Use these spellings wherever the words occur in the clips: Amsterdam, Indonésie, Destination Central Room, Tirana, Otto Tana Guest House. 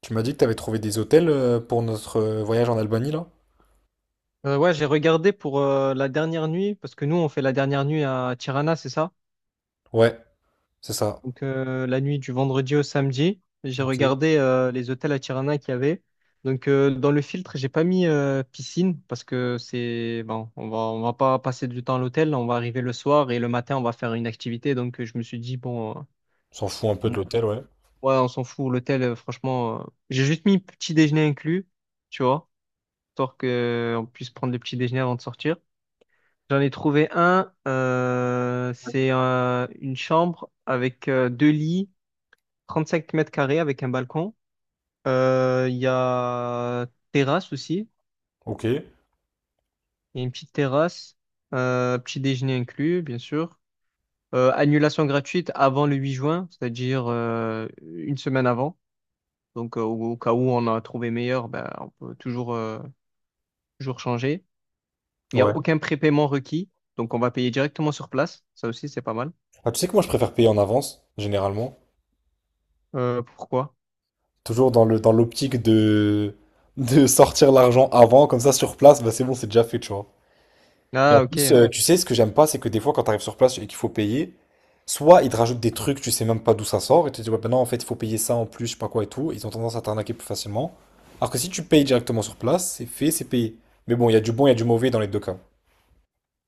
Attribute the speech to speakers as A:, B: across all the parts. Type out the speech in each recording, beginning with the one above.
A: Tu m'as dit que t'avais trouvé des hôtels pour notre voyage en Albanie là?
B: Ouais, j'ai regardé pour la dernière nuit, parce que nous, on fait la dernière nuit à Tirana, c'est ça?
A: Ouais, c'est ça.
B: Donc, la nuit du vendredi au samedi, j'ai
A: Ok. On
B: regardé les hôtels à Tirana qu'il y avait. Donc, dans le filtre, j'ai pas mis piscine, parce que c'est bon, on va pas passer du temps à l'hôtel, on va arriver le soir et le matin, on va faire une activité. Donc, je me suis dit, bon,
A: S'en fout un peu de
B: on-
A: l'hôtel, ouais.
B: ouais, on s'en fout, l'hôtel, franchement, j'ai juste mis petit déjeuner inclus, tu vois, histoire qu'on puisse prendre le petit déjeuner avant de sortir. J'en ai trouvé un. C'est une chambre avec deux lits, 35 mètres carrés avec un balcon. Il y a terrasse aussi.
A: Ok.
B: Il y a une petite terrasse. Petit déjeuner inclus, bien sûr. Annulation gratuite avant le 8 juin, c'est-à-dire une semaine avant. Donc, au cas où on a trouvé meilleur, ben, on peut toujours, toujours changer. Il n'y a
A: Ouais.
B: aucun prépaiement requis. Donc, on va payer directement sur place. Ça aussi, c'est pas mal.
A: Ah, tu sais que moi je préfère payer en avance, généralement.
B: Pourquoi?
A: Toujours dans le dans l'optique de sortir l'argent avant, comme ça sur place, bah c'est bon, c'est déjà fait, tu vois. Et en
B: Ah,
A: plus,
B: ok.
A: tu sais, ce que j'aime pas, c'est que des fois, quand tu arrives sur place et qu'il faut payer, soit ils te rajoutent des trucs, tu sais même pas d'où ça sort, et tu te dis, ouais, ben non, en fait, il faut payer ça en plus, je sais pas quoi et tout. Ils ont tendance à t'arnaquer plus facilement. Alors que si tu payes directement sur place, c'est fait, c'est payé. Mais bon, il y a du bon, il y a du mauvais dans les deux cas.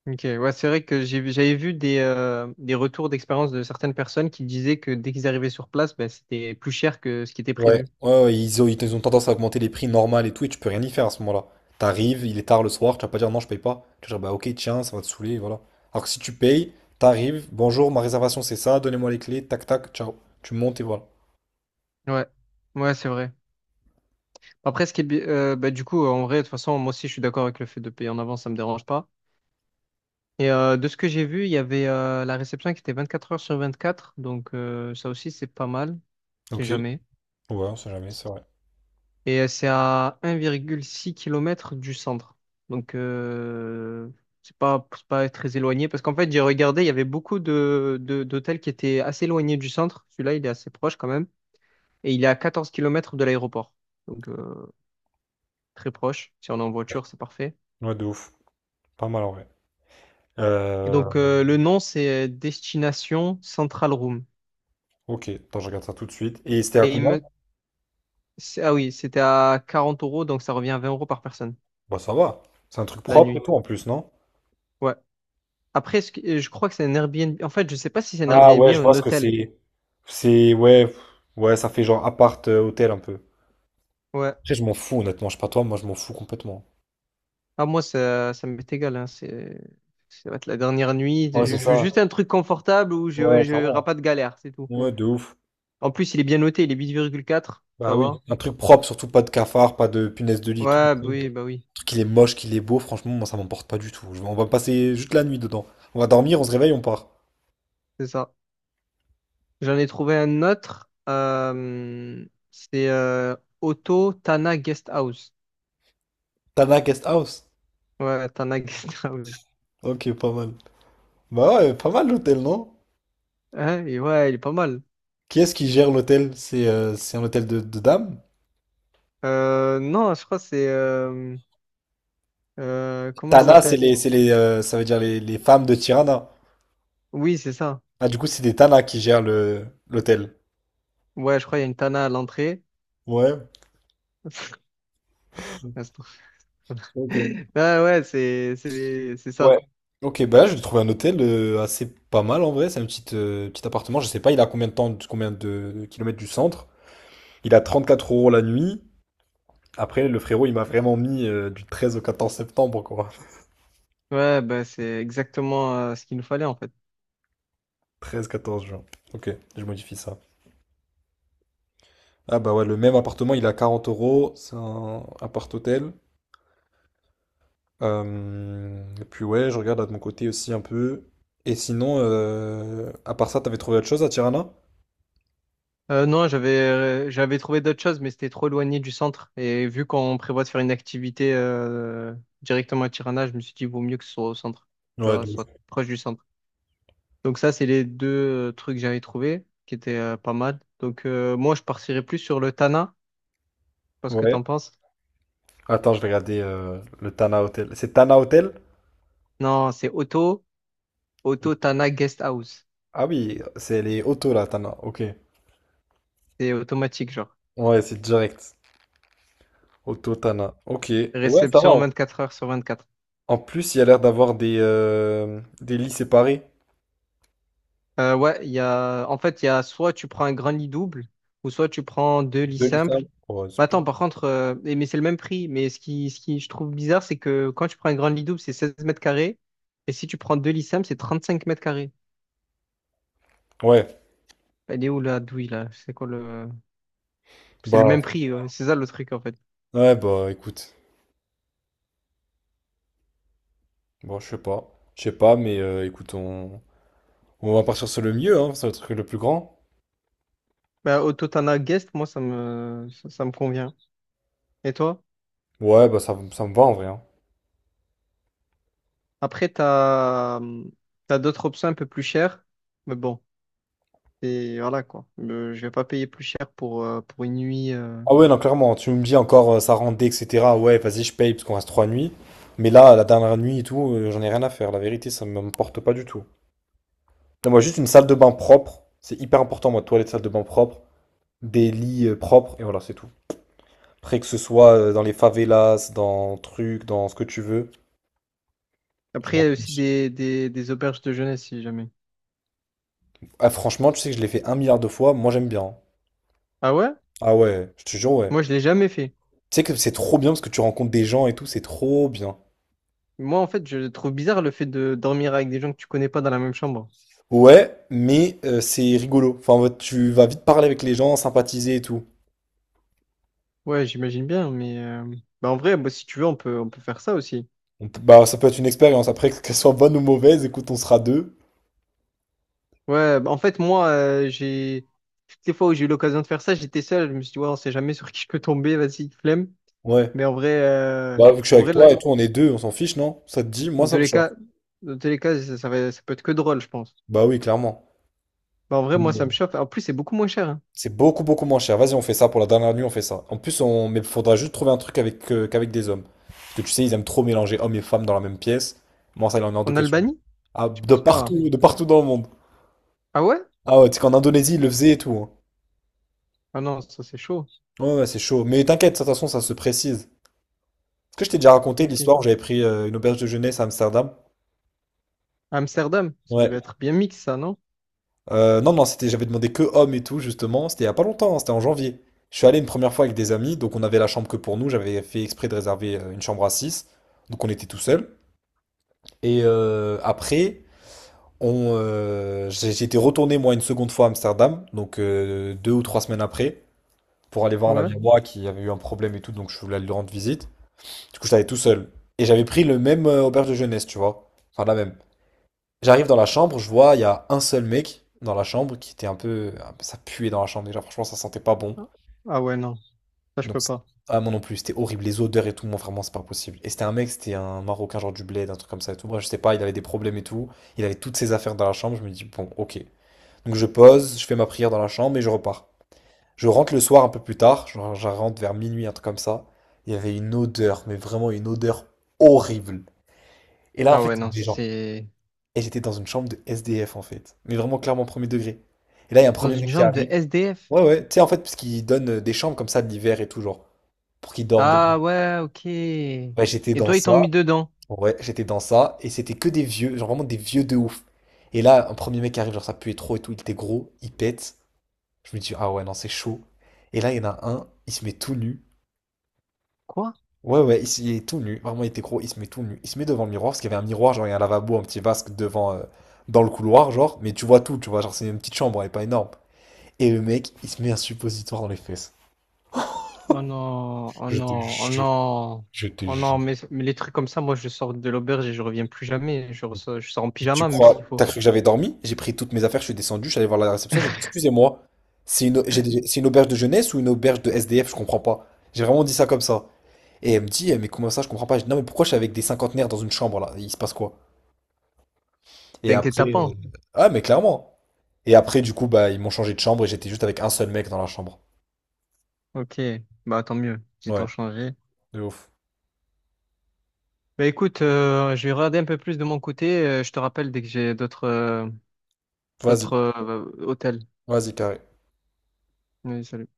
B: Ok, ouais, c'est vrai que j'avais vu des retours d'expérience de certaines personnes qui disaient que dès qu'ils arrivaient sur place, bah, c'était plus cher que ce qui était
A: Ouais.
B: prévu.
A: Ouais, ouais, ils ont tendance à augmenter les prix normal et tout, et tu peux rien y faire à ce moment-là. T'arrives, il est tard le soir, tu vas pas dire non, je paye pas. Tu vas dire, bah ok, tiens, ça va te saouler, voilà. Alors que si tu payes, t'arrives, bonjour, ma réservation c'est ça, donnez-moi les clés, tac tac, ciao. Tu montes et voilà.
B: Ouais, ouais, c'est vrai. Après, ce qui est, bi- bah, du coup, en vrai, de toute façon, moi aussi, je suis d'accord avec le fait de payer en avance, ça me dérange pas. Et de ce que j'ai vu, il y avait la réception qui était 24 heures sur 24, donc ça aussi, c'est pas mal. C'est
A: Ok. Ouais,
B: jamais.
A: on sait jamais, c'est vrai.
B: Et c'est à 1,6 kilomètre du centre. Donc, c'est pas très éloigné. Parce qu'en fait, j'ai regardé, il y avait beaucoup d'hôtels qui étaient assez éloignés du centre. Celui-là, il est assez proche quand même. Et il est à 14 kilomètres de l'aéroport. Donc, très proche. Si on est en voiture, c'est parfait.
A: Ouais, de ouf. Pas mal en vrai.
B: Et
A: Euh,
B: donc, le nom, c'est Destination Central Room.
A: ok, attends, je regarde ça tout de suite. Et c'était à
B: Et il
A: combien?
B: me... Ah oui, c'était à 40 euros. Donc, ça revient à 20 € par personne
A: Bah ça va. C'est un truc
B: la
A: propre et
B: nuit.
A: tout en plus, non?
B: Ouais. Après, je crois que c'est un Airbnb. En fait, je sais pas si c'est un
A: Ah
B: Airbnb ou
A: ouais, je
B: un
A: vois ce que
B: hôtel.
A: c'est. C'est ouais, pff, ouais, ça fait genre appart hôtel un peu.
B: Ouais.
A: Après, je m'en fous honnêtement, je sais pas toi, moi je m'en fous complètement.
B: Ah, moi, ça m'est égal, hein. Ça va être la dernière nuit.
A: Ouais,
B: Je,
A: c'est
B: je veux
A: ça.
B: juste un truc confortable où
A: Ouais,
B: ouais, je n'aurai
A: clairement.
B: pas de galère, c'est tout.
A: Ouais, de ouf.
B: En plus, il est bien noté. Il est 8,4. Ça
A: Bah oui,
B: va?
A: un truc propre, surtout pas de cafard, pas de punaise de lit et tout.
B: Ouais, bah
A: Un
B: oui, bah oui.
A: truc qu'il est moche, qu'il est beau, franchement, moi ça m'emporte pas du tout. On va passer juste la nuit dedans. On va dormir, on se réveille, on part.
B: C'est ça. J'en ai trouvé un autre. C'est Otto Tana Guest House.
A: Tana Guest House.
B: Ouais, Tana Guest House.
A: Ok, pas mal. Bah ouais, pas mal l'hôtel, non?
B: Hein. Et ouais, il est pas mal.
A: Qui est-ce qui gère l'hôtel? C'est un hôtel de dames?
B: Non, je crois que c'est. Comment elle
A: Tana,
B: s'appelle?
A: c'est les, ça veut dire les, femmes de Tirana.
B: Oui, c'est ça.
A: Ah, du coup, c'est des Tana qui gèrent le, l'hôtel.
B: Ouais, je crois qu'il y a une Tana à l'entrée.
A: Ouais, ok.
B: Ah ouais, c'est
A: Ouais.
B: ça.
A: Ok, bah je vais trouver un hôtel assez pas mal en vrai. C'est un petit appartement. Je sais pas, il a combien de temps, combien de kilomètres du centre. Il a 34 € la nuit. Après, le frérot, il m'a vraiment mis du 13 au 14 septembre, quoi.
B: Ouais, bah, c'est exactement ce qu'il nous fallait en fait.
A: 13-14 juin. Ok, je modifie ça. Ah bah ouais, le même appartement, il est à 40 euros, c'est un appart-hôtel. Et puis ouais, je regarde là de mon côté aussi un peu. Et sinon, à part ça, t'avais trouvé autre chose à Tirana?
B: Non, j'avais trouvé d'autres choses, mais c'était trop éloigné du centre. Et vu qu'on prévoit de faire une activité directement à Tirana, je me suis dit, vaut mieux que ce soit au centre, tu
A: Ouais,
B: vois,
A: de ouf.
B: soit proche du centre. Donc ça, c'est les deux trucs que j'avais trouvé qui étaient pas mal. Donc moi, je partirais plus sur le Tana. Je sais pas ce que
A: Ouais.
B: t'en penses.
A: Attends, je vais regarder le Tana Hotel. C'est Tana Hotel?
B: Non, c'est auto Tana Guest House.
A: Ah oui, c'est les autos là, Tana. Ok.
B: C'est automatique, genre.
A: Ouais, c'est direct. Auto Tana. Ok. Ouais, ça va.
B: Réception 24 heures sur 24.
A: En plus, il y a l'air d'avoir des lits séparés.
B: Ouais, en fait, il y a soit tu prends un grand lit double ou soit tu prends deux lits
A: Deux lits
B: simples.
A: simples. Ouais,
B: Mais
A: c'est bien.
B: attends, par contre, mais c'est le même prix. Mais ce qui je trouve bizarre, c'est que quand tu prends un grand lit double, c'est 16 mètres carrés. Et si tu prends deux lits simples, c'est 35 mètres carrés.
A: Ouais.
B: Elle est où la douille là? C'est quoi le? C'est le même
A: Bah,
B: prix, ouais. C'est ça le truc en fait.
A: ouais, bah écoute. Bon, je sais pas. Je sais pas, mais écoute, on va partir sur le mieux, hein, c'est le truc le plus grand.
B: Bah, au totana Guest, moi, ça me convient. Et toi?
A: Ouais, bah ça, ça me va en vrai, hein.
B: Après, t'as d'autres options un peu plus chères, mais bon, et voilà quoi. Je vais pas payer plus cher pour une nuit.
A: Ah ouais, non, clairement, tu me dis encore ça rendait, etc. Ouais, vas-y, je paye parce qu'on reste trois nuits. Mais là, la dernière nuit et tout, j'en ai rien à faire. La vérité, ça me m'importe pas du tout. Non, moi, juste une salle de bain propre. C'est hyper important, moi, toilette, salle de bain propre, des lits propres, et voilà, c'est tout. Après, que ce soit dans les favelas, dans truc, dans ce que tu veux, je
B: Après, il
A: m'en
B: y a aussi
A: fiche.
B: des auberges de jeunesse si jamais.
A: Ah, franchement, tu sais que je l'ai fait un milliard de fois, moi j'aime bien, hein.
B: Ah ouais?
A: Ah ouais, je te jure, ouais.
B: Moi, je l'ai jamais fait.
A: Tu sais que c'est trop bien parce que tu rencontres des gens et tout, c'est trop bien.
B: Moi, en fait, je trouve bizarre le fait de dormir avec des gens que tu connais pas dans la même chambre.
A: Ouais, mais c'est rigolo. Enfin, en mode, tu vas vite parler avec les gens, sympathiser et tout.
B: Ouais, j'imagine bien, bah, en vrai, bah, si tu veux, on peut faire ça aussi.
A: Bah, ça peut être une expérience. Après, qu'elle soit bonne ou mauvaise, écoute, on sera deux.
B: Ouais, bah, en fait, moi, j'ai toutes les fois où j'ai eu l'occasion de faire ça, j'étais seul. Je me suis dit, ouais, on sait jamais sur qui je peux tomber, vas-y, flemme.
A: Ouais.
B: Mais
A: Bah, vu que je suis
B: en
A: avec
B: vrai, là,
A: toi et tout, on est deux, on s'en fiche, non? Ça te dit? Moi, ça
B: de
A: me
B: les
A: chauffe.
B: cas, dans tous les cas, ça va, ça peut être que drôle, je pense.
A: Bah oui, clairement.
B: Bah, en vrai, moi, ça me chauffe. En plus, c'est beaucoup moins cher, hein.
A: C'est beaucoup, beaucoup moins cher. Vas-y, on fait ça pour la dernière nuit, on fait ça. En plus, on... mais faudra juste trouver un truc avec, qu'avec des hommes. Parce que tu sais, ils aiment trop mélanger hommes et femmes dans la même pièce. Moi, ça, il en est hors de
B: En
A: question.
B: Albanie?
A: Ah,
B: Je pense pas.
A: de partout dans le monde.
B: Ah ouais?
A: Ah ouais, tu sais qu'en Indonésie, ils le faisaient et tout, hein.
B: Ah non, ça, c'est chaud.
A: Ouais, ouais, c'est chaud. Mais t'inquiète, de toute façon, ça se précise. Est-ce que je t'ai déjà raconté
B: Ok.
A: l'histoire où j'avais pris une auberge de jeunesse à Amsterdam?
B: Amsterdam, ça
A: Ouais.
B: devait être bien mix, ça, non?
A: Non, non, c'était, j'avais demandé que hommes et tout, justement. C'était il y a pas longtemps, hein, c'était en janvier. Je suis allé une première fois avec des amis, donc on avait la chambre que pour nous. J'avais fait exprès de réserver une chambre à 6, donc on était tout seul. Et après, j'ai été retourné moi une seconde fois à Amsterdam, donc 2 ou 3 semaines après, pour aller voir un
B: Ouais.
A: ami à moi qui avait eu un problème et tout, donc je voulais lui rendre visite. Du coup, j'étais allé tout seul. Et j'avais pris le même auberge de jeunesse, tu vois. Enfin, la même. J'arrive dans la chambre, je vois, il y a un seul mec dans la chambre qui était un peu. Ça puait dans la chambre déjà, franchement, ça sentait pas bon.
B: Ah ouais, non. Ça, je
A: Donc,
B: peux
A: c'est-
B: pas.
A: ah, moi non plus, c'était horrible. Les odeurs et tout, moi vraiment, c'est pas possible. Et c'était un mec, c'était un Marocain, genre du bled, un truc comme ça et tout. Moi, je sais pas, il avait des problèmes et tout. Il avait toutes ses affaires dans la chambre, je me dis, bon, ok. Donc, je pose, je fais ma prière dans la chambre et je repars. Je rentre le soir un peu plus tard, genre, je rentre vers minuit, un truc comme ça. Il y avait une odeur, mais vraiment une odeur horrible. Et là, en
B: Ah
A: fait,
B: ouais,
A: il y
B: non,
A: avait des gens.
B: c'est
A: Et j'étais dans une chambre de SDF, en fait. Mais vraiment, clairement, premier degré. Et là, il y a un
B: dans
A: premier
B: une
A: mec qui
B: chambre de
A: arrive.
B: SDF.
A: Ouais, ouais. Tu sais, en fait, parce qu'ils donnent des chambres comme ça de l'hiver et tout, genre, pour qu'ils dorment dedans.
B: Ah ouais, ok. Et
A: Ouais, j'étais dans
B: toi, ils t'ont mis
A: ça.
B: dedans?
A: Ouais, j'étais dans ça. Et c'était que des vieux, genre vraiment des vieux de ouf. Et là, un premier mec qui arrive, genre, ça puait trop et tout. Il était gros, il pète. Je me dis, ah ouais, non, c'est chaud. Et là, il y en a un, il se met tout nu.
B: Quoi?
A: Ouais, ouais, il est tout nu. Vraiment, il était gros. Il se met tout nu. Il se met devant le miroir parce qu'il y avait un miroir, genre, il y a un lavabo, un petit vasque devant, dans le couloir, genre. Mais tu vois tout, tu vois, genre, c'est une petite chambre, elle est pas énorme. Et le mec, il se met un suppositoire dans les fesses.
B: Oh non, oh
A: Je te
B: non, oh
A: jure,
B: non,
A: je te
B: oh non,
A: jure.
B: mais les trucs comme ça, moi je sors de l'auberge et je reviens plus jamais. Je sors en
A: Mais tu
B: pyjama même
A: crois,
B: s'il faut.
A: t'as cru que j'avais dormi? J'ai pris toutes mes affaires, je suis descendu, je suis allé voir la réception, j'ai dit, excusez-moi, c'est une auberge de jeunesse ou une auberge de SDF, je comprends pas. J'ai vraiment dit ça comme ça. Et elle me dit, eh, mais comment ça, je comprends pas. Je dis, non, mais pourquoi je suis avec des cinquantenaires dans une chambre là? Il se passe quoi? Et après,
B: T'inquiète pas, hein.
A: ah, mais clairement. Et après, du coup, bah, ils m'ont changé de chambre et j'étais juste avec un seul mec dans la chambre.
B: Ok, bah tant mieux, j'ai tant
A: Ouais,
B: changé.
A: de ouf.
B: Bah écoute, je vais regarder un peu plus de mon côté. Je te rappelle dès que j'ai
A: Vas-y,
B: d'autres hôtels.
A: vas-y, carré.
B: Oui, salut.